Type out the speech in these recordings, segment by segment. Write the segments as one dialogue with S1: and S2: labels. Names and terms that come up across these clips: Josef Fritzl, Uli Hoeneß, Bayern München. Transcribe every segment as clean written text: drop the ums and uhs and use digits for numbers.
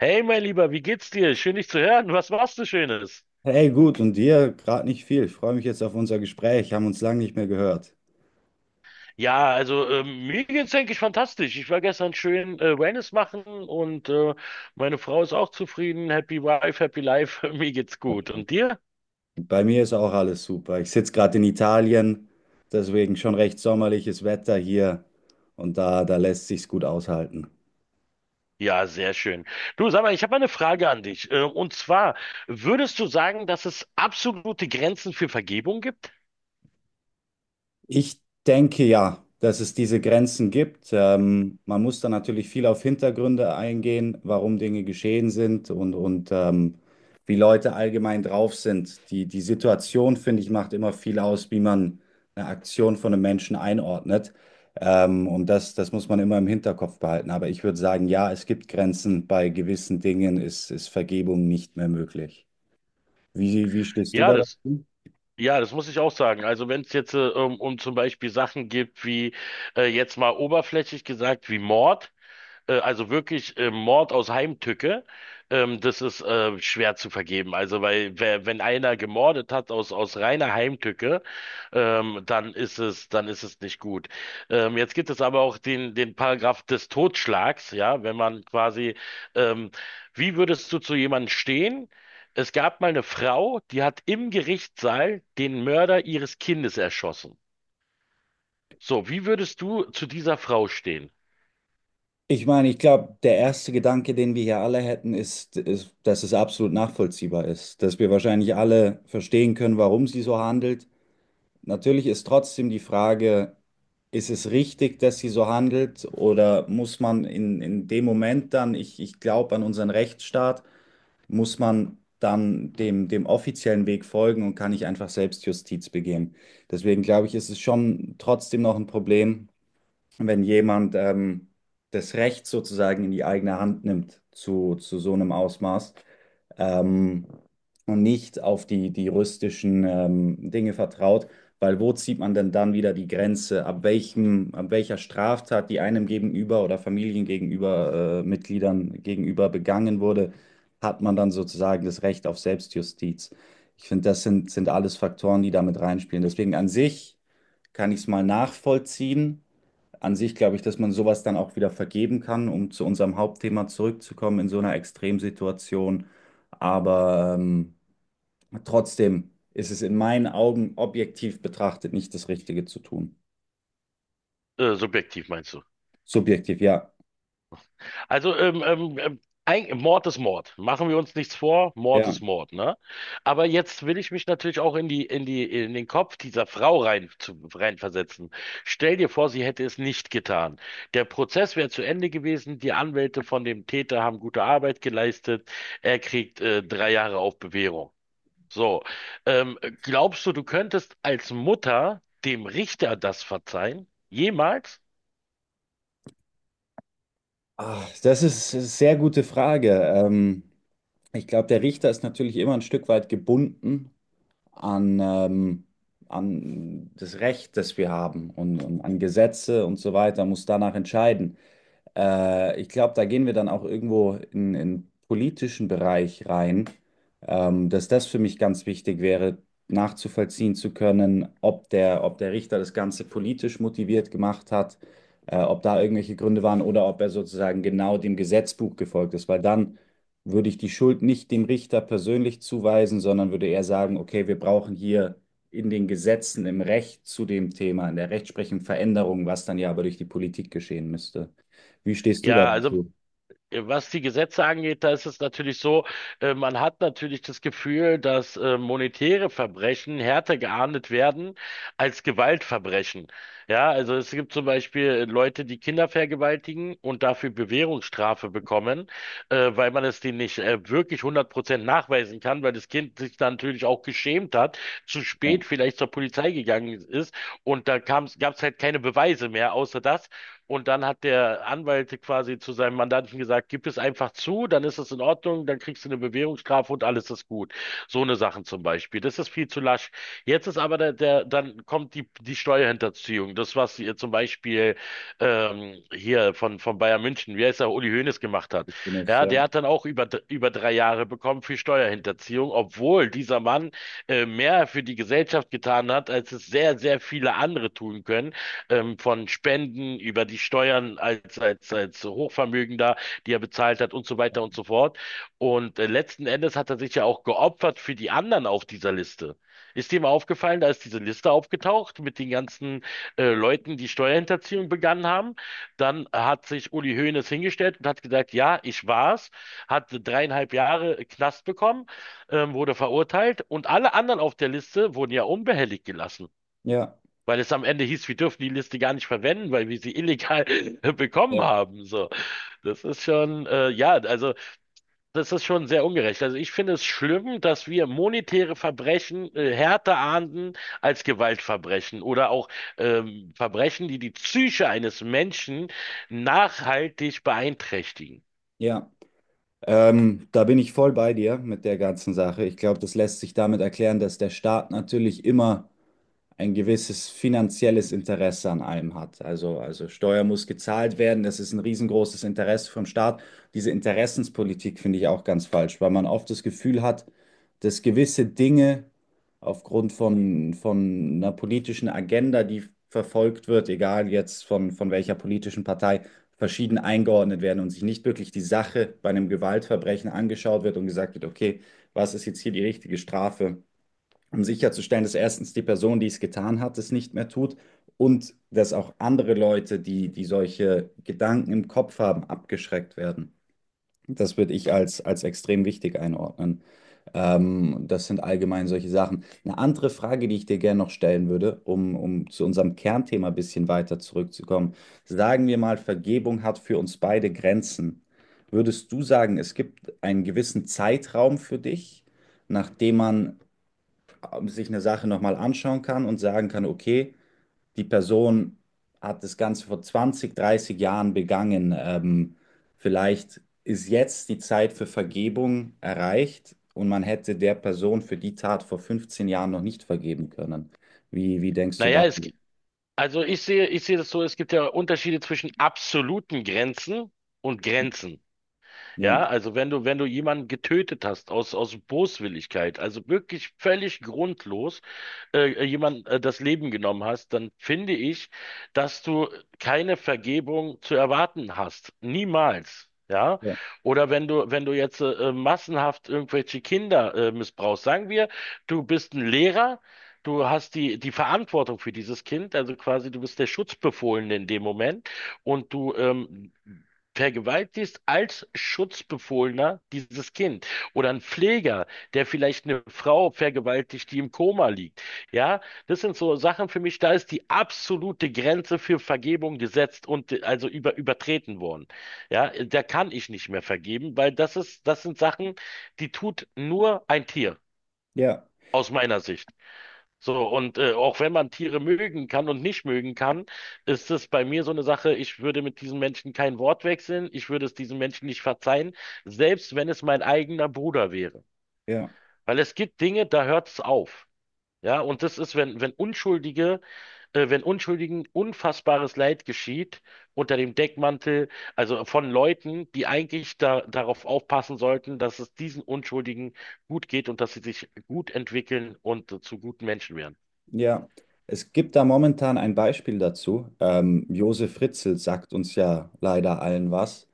S1: Hey, mein Lieber, wie geht's dir? Schön, dich zu hören. Was machst du Schönes?
S2: Hey, gut, und dir gerade nicht viel. Ich freue mich jetzt auf unser Gespräch. Haben uns lange nicht mehr gehört.
S1: Ja, also mir geht's, denke ich, fantastisch. Ich war gestern schön Wellness machen und meine Frau ist auch zufrieden. Happy Wife, Happy Life. Mir geht's gut.
S2: Perfekt.
S1: Und dir?
S2: Bei mir ist auch alles super. Ich sitze gerade in Italien, deswegen schon recht sommerliches Wetter hier und da lässt sich's gut aushalten.
S1: Ja, sehr schön. Du, sag mal, ich habe mal eine Frage an dich. Und zwar, würdest du sagen, dass es absolute Grenzen für Vergebung gibt?
S2: Ich denke ja, dass es diese Grenzen gibt. Man muss da natürlich viel auf Hintergründe eingehen, warum Dinge geschehen sind und wie Leute allgemein drauf sind. Die Situation, finde ich, macht immer viel aus, wie man eine Aktion von einem Menschen einordnet. Und das muss man immer im Hinterkopf behalten. Aber ich würde sagen, ja, es gibt Grenzen. Bei gewissen Dingen ist Vergebung nicht mehr möglich. Wie stehst du
S1: Ja,
S2: da
S1: das.
S2: dazu?
S1: Ja, das muss ich auch sagen. Also wenn es jetzt um zum Beispiel Sachen gibt wie jetzt mal oberflächlich gesagt wie Mord, also wirklich Mord aus Heimtücke, das ist schwer zu vergeben. Also weil wer, wenn einer gemordet hat aus reiner Heimtücke, dann ist es nicht gut. Jetzt gibt es aber auch den Paragraph des Totschlags, ja, wenn man quasi ähm, wie würdest du zu jemandem stehen? Es gab mal eine Frau, die hat im Gerichtssaal den Mörder ihres Kindes erschossen. So, wie würdest du zu dieser Frau stehen?
S2: Ich meine, ich glaube, der erste Gedanke, den wir hier alle hätten, ist, dass es absolut nachvollziehbar ist, dass wir wahrscheinlich alle verstehen können, warum sie so handelt. Natürlich ist trotzdem die Frage, ist es richtig, dass sie so handelt oder muss man in dem Moment dann, ich glaube an unseren Rechtsstaat, muss man dann dem offiziellen Weg folgen und kann nicht einfach Selbstjustiz begehen. Deswegen glaube ich, ist es schon trotzdem noch ein Problem, wenn jemand das Recht sozusagen in die eigene Hand nimmt zu so einem Ausmaß ähm, und nicht auf die juristischen Dinge vertraut, weil wo zieht man denn dann wieder die Grenze, ab welcher Straftat, die einem gegenüber oder Familien gegenüber, Mitgliedern gegenüber begangen wurde, hat man dann sozusagen das Recht auf Selbstjustiz. Ich finde, das sind alles Faktoren, die damit reinspielen. Deswegen an sich kann ich es mal nachvollziehen, an sich glaube ich, dass man sowas dann auch wieder vergeben kann, um zu unserem Hauptthema zurückzukommen in so einer Extremsituation. Aber trotzdem ist es in meinen Augen objektiv betrachtet nicht das Richtige zu tun.
S1: Subjektiv meinst du?
S2: Subjektiv, ja.
S1: Also Mord ist Mord. Machen wir uns nichts vor, Mord
S2: Ja.
S1: ist Mord, ne? Aber jetzt will ich mich natürlich auch in den Kopf dieser Frau reinversetzen. Stell dir vor, sie hätte es nicht getan. Der Prozess wäre zu Ende gewesen, die Anwälte von dem Täter haben gute Arbeit geleistet, er kriegt 3 Jahre auf Bewährung. So, glaubst du, du könntest als Mutter dem Richter das verzeihen? Jemals?
S2: Ah, das ist eine sehr gute Frage. Ich glaube, der Richter ist natürlich immer ein Stück weit gebunden an, an das Recht, das wir haben und an Gesetze und so weiter, muss danach entscheiden. Ich glaube, da gehen wir dann auch irgendwo in politischen Bereich rein, dass das für mich ganz wichtig wäre, nachzuvollziehen zu können, ob der Richter das Ganze politisch motiviert gemacht hat, ob da irgendwelche Gründe waren oder ob er sozusagen genau dem Gesetzbuch gefolgt ist, weil dann würde ich die Schuld nicht dem Richter persönlich zuweisen, sondern würde eher sagen, okay, wir brauchen hier in den Gesetzen, im Recht zu dem Thema, in der Rechtsprechung Veränderung, was dann ja aber durch die Politik geschehen müsste. Wie stehst du da
S1: Ja, also
S2: dazu?
S1: was die Gesetze angeht, da ist es natürlich so, man hat natürlich das Gefühl, dass monetäre Verbrechen härter geahndet werden als Gewaltverbrechen. Ja, also es gibt zum Beispiel Leute, die Kinder vergewaltigen und dafür Bewährungsstrafe bekommen, weil man es denen nicht wirklich 100% nachweisen kann, weil das Kind sich dann natürlich auch geschämt hat, zu
S2: Ja,
S1: spät vielleicht zur Polizei gegangen ist und da gab es halt keine Beweise mehr, außer das. Und dann hat der Anwalt quasi zu seinem Mandanten gesagt, gib es einfach zu, dann ist es in Ordnung, dann kriegst du eine Bewährungsstrafe und alles ist gut. So eine Sachen zum Beispiel. Das ist viel zu lasch. Jetzt ist aber der, der dann kommt die Steuerhinterziehung. Das, was ihr zum Beispiel hier von Bayern München, wie heißt er, Uli Hoeneß gemacht hat.
S2: ich bin es,
S1: Ja,
S2: ja.
S1: der hat dann auch über 3 Jahre bekommen für Steuerhinterziehung, obwohl dieser Mann mehr für die Gesellschaft getan hat, als es sehr, sehr viele andere tun können von Spenden über die Steuern als Hochvermögender, die er bezahlt hat und so weiter und so fort. Und letzten Endes hat er sich ja auch geopfert für die anderen auf dieser Liste. Ist dir mal aufgefallen, da ist diese Liste aufgetaucht mit den ganzen Leuten, die Steuerhinterziehung begangen haben. Dann hat sich Uli Hoeneß hingestellt und hat gesagt, ja, ich war's, hat 3,5 Jahre Knast bekommen, wurde verurteilt und alle anderen auf der Liste wurden ja unbehelligt gelassen.
S2: Ja,
S1: Weil es am Ende hieß, wir dürfen die Liste gar nicht verwenden, weil wir sie illegal bekommen
S2: ja,
S1: haben. So, das ist schon, ja, also das ist schon sehr ungerecht. Also ich finde es schlimm, dass wir monetäre Verbrechen härter ahnden als Gewaltverbrechen oder auch Verbrechen, die die Psyche eines Menschen nachhaltig beeinträchtigen.
S2: ja. Da bin ich voll bei dir mit der ganzen Sache. Ich glaube, das lässt sich damit erklären, dass der Staat natürlich immer ein gewisses finanzielles Interesse an allem hat. Also Steuer muss gezahlt werden, das ist ein riesengroßes Interesse vom Staat. Diese Interessenspolitik finde ich auch ganz falsch, weil man oft das Gefühl hat, dass gewisse Dinge aufgrund von einer politischen Agenda, die verfolgt wird, egal jetzt von welcher politischen Partei, verschieden eingeordnet werden und sich nicht wirklich die Sache bei einem Gewaltverbrechen angeschaut wird und gesagt wird, okay, was ist jetzt hier die richtige Strafe, um sicherzustellen, dass erstens die Person, die es getan hat, es nicht mehr tut und dass auch andere Leute, die solche Gedanken im Kopf haben, abgeschreckt werden. Das würde ich als extrem wichtig einordnen. Das sind allgemein solche Sachen. Eine andere Frage, die ich dir gerne noch stellen würde, um zu unserem Kernthema ein bisschen weiter zurückzukommen. Sagen wir mal, Vergebung hat für uns beide Grenzen. Würdest du sagen, es gibt einen gewissen Zeitraum für dich, nachdem man sich eine Sache nochmal anschauen kann und sagen kann, okay, die Person hat das Ganze vor 20 bis 30 Jahren begangen. Vielleicht ist jetzt die Zeit für Vergebung erreicht und man hätte der Person für die Tat vor 15 Jahren noch nicht vergeben können. Wie denkst du
S1: Naja,
S2: darüber?
S1: also ich sehe das so, es gibt ja Unterschiede zwischen absoluten Grenzen und Grenzen.
S2: Ja,
S1: Ja, also wenn du jemanden getötet hast aus Boswilligkeit, also wirklich völlig grundlos, jemand das Leben genommen hast, dann finde ich, dass du keine Vergebung zu erwarten hast. Niemals. Ja,
S2: ja,
S1: oder wenn du jetzt massenhaft irgendwelche Kinder missbrauchst, sagen wir, du bist ein Lehrer, du hast die Verantwortung für dieses Kind, also quasi du bist der Schutzbefohlene in dem Moment und du vergewaltigst als Schutzbefohlener dieses Kind oder ein Pfleger, der vielleicht eine Frau vergewaltigt, die im Koma liegt. Ja, das sind so Sachen für mich, da ist die absolute Grenze für Vergebung gesetzt und also übertreten worden. Ja, da kann ich nicht mehr vergeben, weil das ist, das sind Sachen, die tut nur ein Tier,
S2: ja,
S1: aus meiner Sicht. So, und auch wenn man Tiere mögen kann und nicht mögen kann, ist es bei mir so eine Sache, ich würde mit diesem Menschen kein Wort wechseln, ich würde es diesem Menschen nicht verzeihen, selbst wenn es mein eigener Bruder wäre.
S2: ja.
S1: Weil es gibt Dinge, da hört es auf. Ja, und das ist, wenn Unschuldigen unfassbares Leid geschieht unter dem Deckmantel, also von Leuten, die eigentlich da, darauf aufpassen sollten, dass es diesen Unschuldigen gut geht und dass sie sich gut entwickeln und zu guten Menschen werden.
S2: Ja, es gibt da momentan ein Beispiel dazu. Josef Fritzl sagt uns ja leider allen was.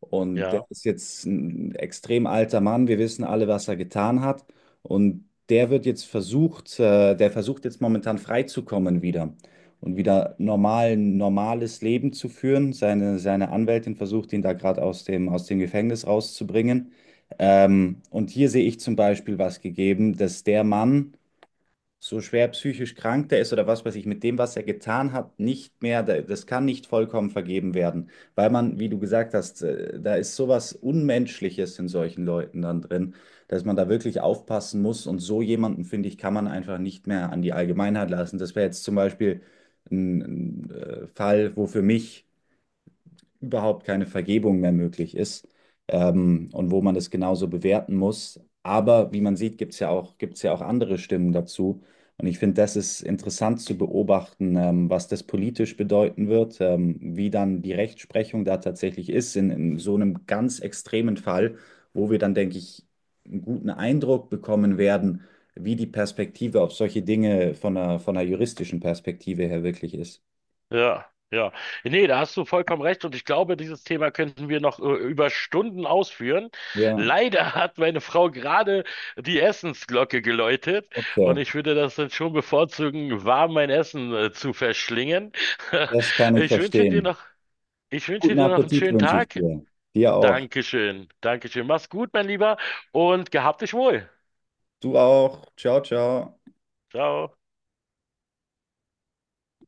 S2: Und der
S1: Ja.
S2: ist jetzt ein extrem alter Mann. Wir wissen alle, was er getan hat. Und der wird jetzt versucht, der versucht jetzt momentan freizukommen wieder und wieder normales Leben zu führen. Seine Anwältin versucht, ihn da gerade aus dem Gefängnis rauszubringen. Und hier sehe ich zum Beispiel was gegeben, dass der Mann so schwer psychisch krank der ist oder was weiß ich, mit dem, was er getan hat, nicht mehr, das kann nicht vollkommen vergeben werden, weil man, wie du gesagt hast, da ist sowas Unmenschliches in solchen Leuten dann drin, dass man da wirklich aufpassen muss und so jemanden, finde ich, kann man einfach nicht mehr an die Allgemeinheit lassen. Das wäre jetzt zum Beispiel ein Fall, wo für mich überhaupt keine Vergebung mehr möglich ist, und wo man das genauso bewerten muss. Aber wie man sieht, gibt es ja auch, gibt's ja auch andere Stimmen dazu. Und ich finde, das ist interessant zu beobachten, was das politisch bedeuten wird, wie dann die Rechtsprechung da tatsächlich ist in so einem ganz extremen Fall, wo wir dann, denke ich, einen guten Eindruck bekommen werden, wie die Perspektive auf solche Dinge von von einer juristischen Perspektive her wirklich ist.
S1: Ja, ja. Nee, da hast du vollkommen recht und ich glaube, dieses Thema könnten wir noch über Stunden ausführen.
S2: Ja,
S1: Leider hat meine Frau gerade die Essensglocke geläutet
S2: okay,
S1: und ich würde das dann schon bevorzugen, warm mein Essen zu verschlingen.
S2: das kann ich
S1: Ich wünsche dir
S2: verstehen.
S1: noch, Ich wünsche
S2: Guten
S1: dir noch einen
S2: Appetit
S1: schönen
S2: wünsche ich
S1: Tag.
S2: dir. Dir auch.
S1: Dankeschön, Dankeschön. Mach's gut, mein Lieber, und gehabt dich wohl.
S2: Du auch. Ciao, ciao.
S1: Ciao.